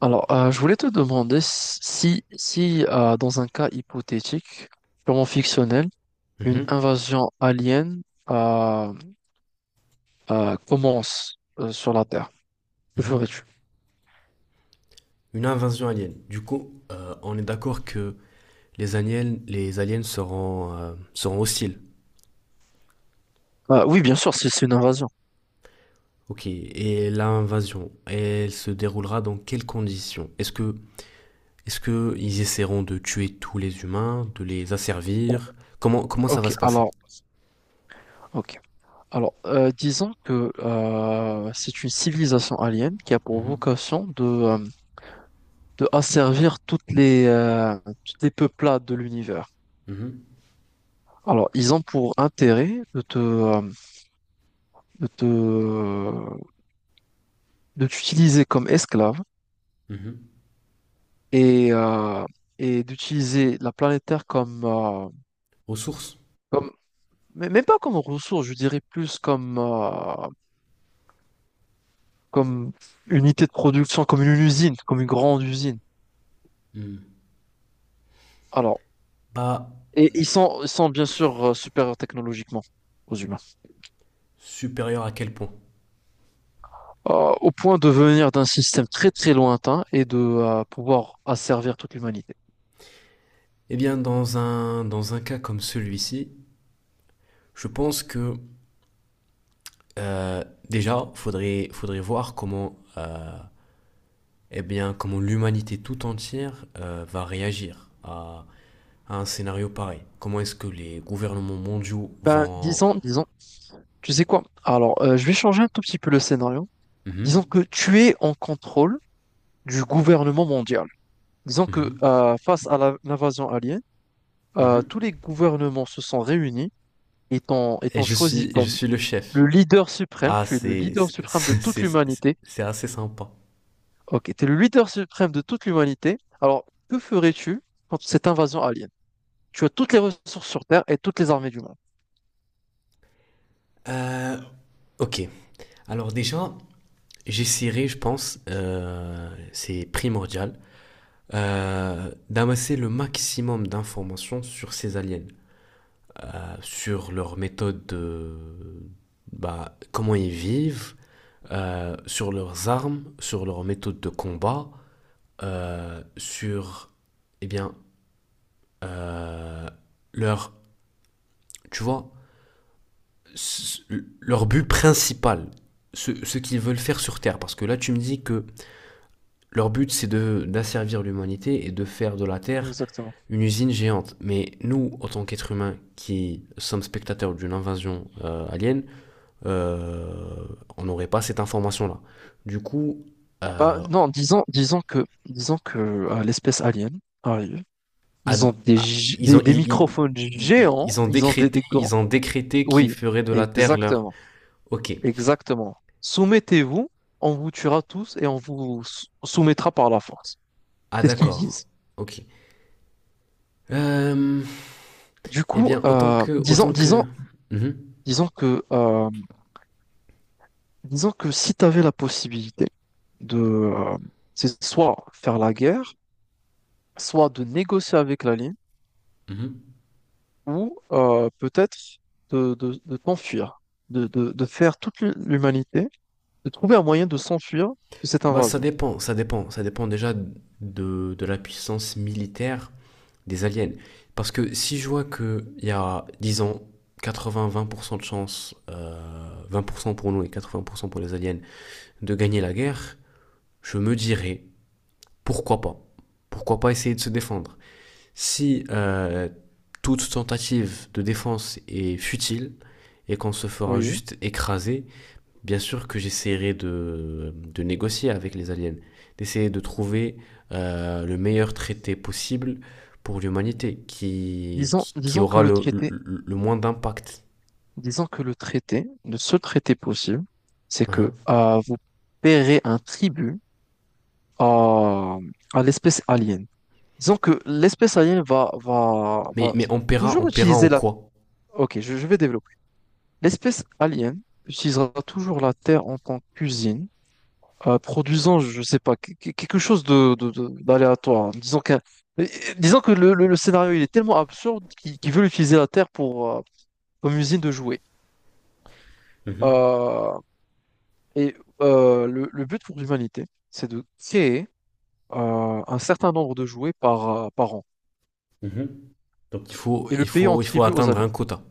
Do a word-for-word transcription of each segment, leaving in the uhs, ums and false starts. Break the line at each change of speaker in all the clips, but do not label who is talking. Alors, euh, je voulais te demander si, si euh, dans un cas hypothétique, purement fictionnel, une
Mhm,
invasion alien euh, euh, commence euh, sur la Terre, que
mhm.
ferais-tu?
Une invasion alien. Du coup, euh, on est d'accord que les aliens, les aliens seront, euh, seront hostiles.
Euh, oui, bien sûr, si c'est une invasion.
Ok. Et l'invasion, elle se déroulera dans quelles conditions? Est-ce que, est-ce que ils essaieront de tuer tous les humains, de les
O-
asservir? Comment, comment ça va
Ok,
se passer?
alors, ok. Alors, euh, disons que euh, c'est une civilisation alien qui a pour
Mhm,
vocation de, euh, de asservir toutes les, euh, toutes les peuplades de l'univers.
mhm,
Alors, ils ont pour intérêt de te, euh, de te euh, de t'utiliser comme esclave
mhm.
et, euh, et d'utiliser la planète Terre comme, euh,
Aux sources?
comme, mais même pas comme ressource, je dirais plus comme, euh, comme unité de production, comme une usine, comme une grande usine.
Hmm.
Alors,
Pas
et ils sont, ils sont bien sûr euh, supérieurs technologiquement aux humains.
supérieur à quel point?
Euh, au point de venir d'un système très très lointain et de euh, pouvoir asservir toute l'humanité.
Eh bien, dans un, dans un cas comme celui-ci, je pense que euh, déjà, faudrait, faudrait voir comment, euh, eh bien, comment l'humanité tout entière euh, va réagir à, à un scénario pareil. Comment est-ce que les gouvernements mondiaux
Ben,
vont...
disons, disons Tu sais quoi? Alors, euh, je vais changer un tout petit peu le scénario. Disons
Mhm,
que tu es en contrôle du gouvernement mondial. Disons que
mhm,
euh, face à la- l'invasion alien, euh,
mhm.
tous les gouvernements se sont réunis et t'ont et
Et
t'ont
je
choisi
suis, et je
comme
suis le chef.
le leader suprême.
Ah,
Tu es le
c'est,
leader suprême de
c'est,
toute
c'est- c'est
l'humanité.
c'est assez sympa.
Ok, tu es le leader suprême de toute l'humanité. Alors, que ferais-tu contre cette invasion alien? Tu as toutes les ressources sur Terre et toutes les armées du monde.
Euh, ok. Alors déjà, j'essaierai, je pense, euh, c'est primordial, euh, d'amasser le maximum d'informations sur ces aliens, euh, sur leur méthode de... Bah, comment ils vivent, euh, sur leurs armes, sur leur méthode de combat, euh, sur... Eh bien, euh, leur... Tu vois, leur but principal, ce, ce qu'ils veulent faire sur Terre. Parce que là, tu me dis que leur but, c'est de d'asservir l'humanité et de faire de la Terre
Exactement.
une usine géante. Mais nous, en tant qu'êtres humains qui sommes spectateurs d'une invasion euh, alien, euh, on n'aurait pas cette information-là. Du coup,
Bah,
euh,
non, disons, disons que, disons que euh, l'espèce alien arrive.
à,
Ils ont des,
à,
gi-
ils
des,
ont,
des
ils,
microphones
ils,
géants,
ils, ont
ils ont des,
décrété,
des grands...
ils ont décrété qu'ils
Oui,
feraient de la terre leur.
exactement,
Ok.
exactement. Soumettez-vous, on vous tuera tous et on vous sou- soumettra par la force.
Ah
C'est ce qu'ils
d'accord.
disent.
Ok. Euh,
Du
eh
coup,
bien, autant
euh,
que,
disons,
autant
disons,
que. Mhm.
disons que, euh, disons que si tu avais la possibilité de, euh, c'est soit faire la guerre, soit de négocier avec la ligne,
Mhm.
ou euh, peut-être de, de, de t'enfuir, de, de, de faire toute l'humanité de trouver un moyen de s'enfuir de cette
Bah, ça
invasion.
dépend, ça dépend, ça dépend déjà de, de la puissance militaire des aliens. Parce que si je vois qu'il y a, disons, quatre-vingts vingt pour cent de chance, euh, vingt pour cent pour nous et quatre-vingts pour cent pour les aliens, de gagner la guerre, je me dirais, pourquoi pas Pourquoi pas essayer de se défendre. Si euh, toute tentative de défense est futile et qu'on se fera
Oui.
juste écraser, bien sûr que j'essaierai de, de négocier avec les aliens, d'essayer de trouver euh, le meilleur traité possible pour l'humanité, qui,
Disons,
qui, qui
disons que
aura
le
le,
traité,
le, le moins d'impact.
disons que le traité, le seul traité possible, c'est que
Hein.
euh, vous paierez un tribut à, à l'espèce alien. Disons que l'espèce alien va, va,
Mais,
va
mais on paiera, on
toujours
paiera en
utiliser la...
quoi?
Ok, je, je vais développer. L'espèce alien utilisera toujours la Terre en tant qu'usine euh, produisant, je sais pas, que- que- quelque chose de, de- de- d'aléatoire, hein. Disons qu'un, euh, disons que le, le- le scénario il est tellement absurde qu'ils qu'ils veulent utiliser la Terre pour euh, comme usine de jouets.
Mhm,
Euh, et euh, le, le but pour l'humanité, c'est de créer euh, un certain nombre de jouets par, euh, par an
mhm. Donc, il faut,
et le
il,
payer en
faut, il faut
tribut aux
atteindre
aliens.
un quota.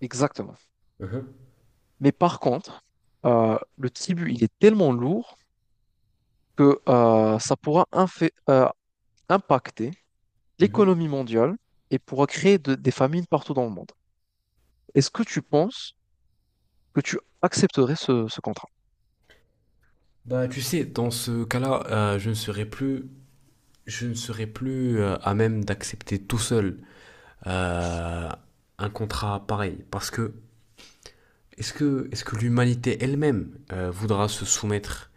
Exactement.
Mhm,
Mais par contre, euh, le tribut il est tellement lourd que euh, ça pourra infé- euh, impacter
mhm.
l'économie mondiale et pourra créer de- des famines partout dans le monde. Est-ce que tu penses que tu accepterais ce, ce contrat?
Bah, tu sais, dans ce cas-là, euh, je ne serai plus, je ne serai plus euh, à même d'accepter tout seul euh, un contrat pareil, parce que... Est-ce que, est-ce que l'humanité elle-même euh, voudra se soumettre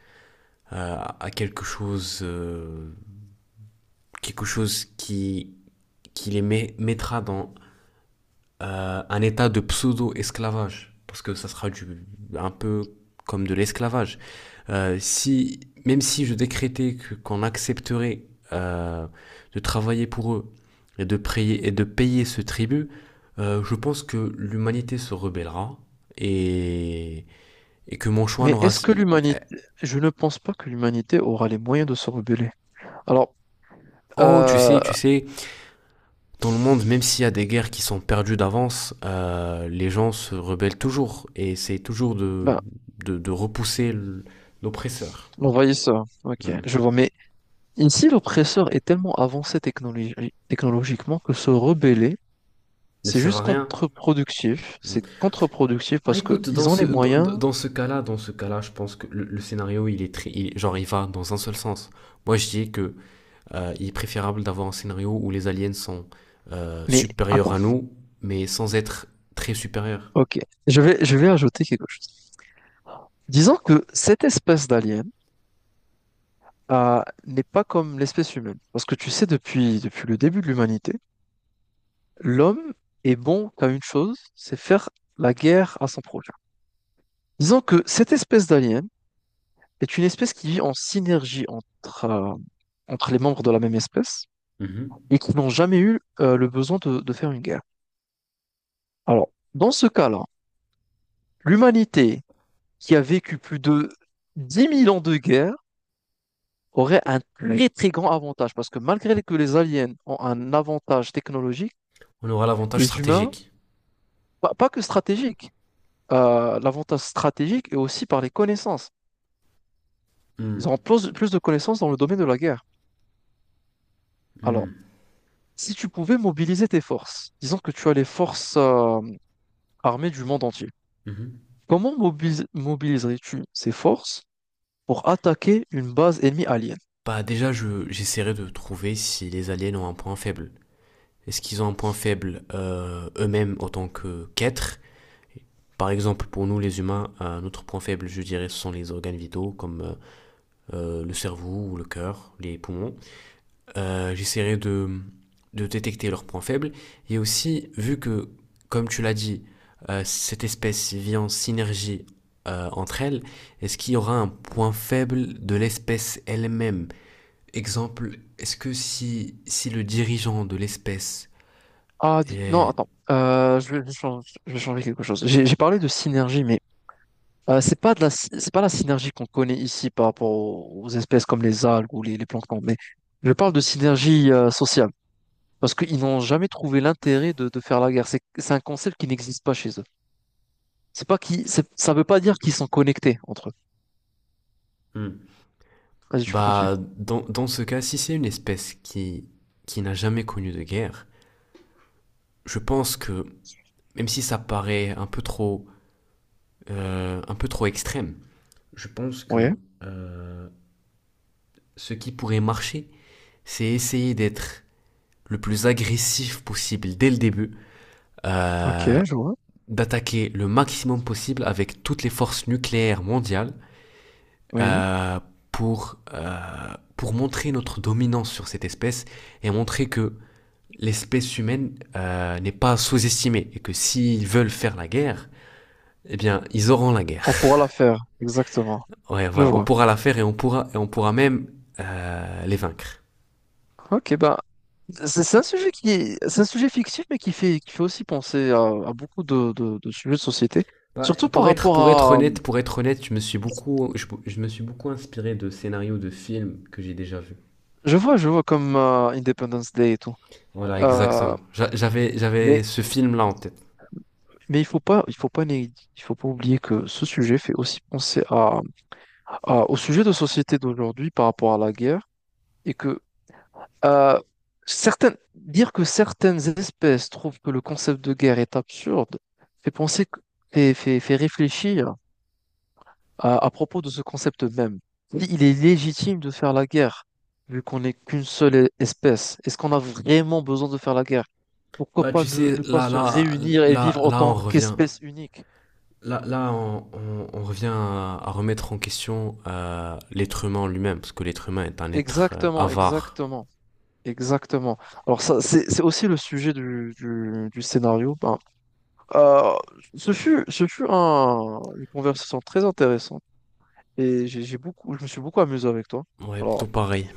euh, à quelque chose, euh, quelque chose qui, qui les met- mettra dans euh, un état de pseudo-esclavage? Parce que ça sera du, un peu comme de l'esclavage. Euh, si, Même si je décrétais que, qu'on accepterait euh, de travailler pour eux et de, prier, et de payer ce tribut, euh, je pense que l'humanité se rebellera et, et que mon choix
Mais
n'aura...
est-ce que l'humanité, je ne pense pas que l'humanité aura les moyens de se rebeller. Alors,
Oh, tu
euh,
sais, tu sais, dans le monde, même s'il y a des guerres qui sont perdues d'avance, euh, les gens se rebellent toujours et c'est toujours de,
ben,
de, de repousser l- l'oppresseur.
l'envahisseur, ok,
Hmm.
je vois, mais ici l'oppresseur est tellement avancé technologi- technologiquement que se rebeller,
Ne
c'est
sert
juste
à rien.
contre-productif,
Hmm.
c'est contre-productif
Ah,
parce que
écoute, dans
ils ont
ce,
les
dans,
moyens,
dans- ce cas-là, dans ce cas-là, je pense que le, le scénario, il est très, il- genre, il va dans un seul sens. Moi, je dis que euh, il est préférable d'avoir un scénario où les aliens sont euh,
mais
supérieurs
attends,
à nous, mais sans être très supérieurs.
ok, je vais, je vais ajouter quelque chose. Disons que cette espèce d'alien euh, n'est pas comme l'espèce humaine. Parce que tu sais, depuis, depuis le début de l'humanité, l'homme est bon qu'à une chose, c'est faire la guerre à son prochain. Disons que cette espèce d'alien est une espèce qui vit en synergie entre, euh, entre les membres de la même espèce
Mhm.
et qui n'ont jamais eu euh, le besoin de, de faire une guerre. Alors, dans ce cas-là, l'humanité qui a vécu plus de dix mille ans de guerre aurait un très très grand avantage parce que malgré que les aliens ont un avantage technologique,
On aura l'avantage
les humains...
stratégique.
Pas, pas que stratégique. Euh, l'avantage stratégique est aussi par les connaissances.
Hmm.
Ils auront plus, plus de connaissances dans le domaine de la guerre. Alors,
Hmm.
si tu pouvais mobiliser tes forces, disons que tu as les forces euh, armées du monde entier,
Mhm.
comment mobilis- mobiliserais-tu ces forces pour attaquer une base ennemie alien?
Bah déjà, je, j'essaierai de trouver si les aliens ont un point faible. Est-ce qu'ils ont un point faible euh, eux-mêmes en tant que qu'êtres? Par exemple, pour nous les humains, un autre point faible, je dirais, ce sont les organes vitaux comme euh, euh, le cerveau ou le cœur, les poumons. Euh, j'essaierai de, de détecter leurs points faibles. Et aussi, vu que, comme tu l'as dit, euh, cette espèce vit en synergie euh, entre elles, est-ce qu'il y aura un point faible de l'espèce elle-même? Exemple, est-ce que si, si le dirigeant de l'espèce
Ah, dis- non,
est...
Attends, Euh, je vais, je vais changer je vais changer quelque chose. J'ai j'ai parlé de synergie, mais Euh, c'est pas de la, sy- c'est pas la synergie qu'on connaît ici par rapport aux, aux espèces comme les algues ou les, les planctons, mais je parle de synergie euh, sociale parce qu'ils n'ont jamais trouvé l'intérêt de, de faire la guerre. C'est, c'est un concept qui n'existe pas chez eux. C'est pas qui, ça veut pas dire qu'ils sont connectés entre eux.
Hmm.
Vas-y, tu peux continuer.
Bah, dans, dans ce cas, si c'est une espèce qui, qui n'a jamais connu de guerre, je pense que, même si ça paraît un peu trop, euh, un peu trop extrême, je pense
Oui,
que euh, ce qui pourrait marcher, c'est essayer d'être le plus agressif possible dès le début, euh,
ok, je vois.
d'attaquer le maximum possible avec toutes les forces nucléaires mondiales,
Oui,
euh, pour, euh, pour montrer notre dominance sur cette espèce et montrer que l'espèce humaine euh, n'est pas sous-estimée et que s'ils veulent faire la guerre, eh bien, ils auront la guerre.
on pourra la faire, exactement.
Ouais,
Je
voilà, on
vois.
pourra la faire et on pourra, et on pourra même euh, les vaincre.
Ok, bah, c'est c'est un sujet qui est, c'est un sujet fictif, mais qui fait, qui fait aussi penser à, à beaucoup de, de, de sujets de société.
Bah,
Surtout par
pour être,
rapport
pour être
à,
honnête, pour être honnête, je me suis beaucoup, je, je me suis beaucoup inspiré de scénarios de films que j'ai déjà vus.
je vois, je vois comme euh, Independence Day et tout.
Voilà,
Euh,
exactement. J'avais, j'avais
mais
ce film-là en tête.
mais il faut pas, il faut pas, né- il faut pas oublier que ce sujet fait aussi penser à, à- au sujet de société d'aujourd'hui par rapport à la guerre et que euh, certaines, dire que certaines espèces trouvent que le concept de guerre est absurde fait penser, que- fait, fait, fait réfléchir À, à propos de ce concept même, si il est légitime de faire la guerre, vu qu'on n'est qu'une seule e- espèce. Est-ce qu'on a vraiment besoin de faire la guerre? Pourquoi
Bah,
pas
tu
ne,
sais,
ne pas
là,
se
là,
réunir et
là,
vivre en
là, on
tant
revient,
qu'espèce unique?
Là, là on, on- on revient à, à remettre en question euh, l'être humain en lui-même, parce que l'être humain est un être euh,
Exactement,
avare.
exactement, exactement. Alors ça, c'est, c'est aussi le sujet du, du- du scénario. Ben, euh, ce fut, ce fut un, une conversation très intéressante et j'ai j'ai beaucoup, je me suis beaucoup amusé avec toi.
Ouais,
Alors,
tout pareil.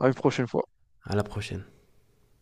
à une prochaine fois.
À la prochaine.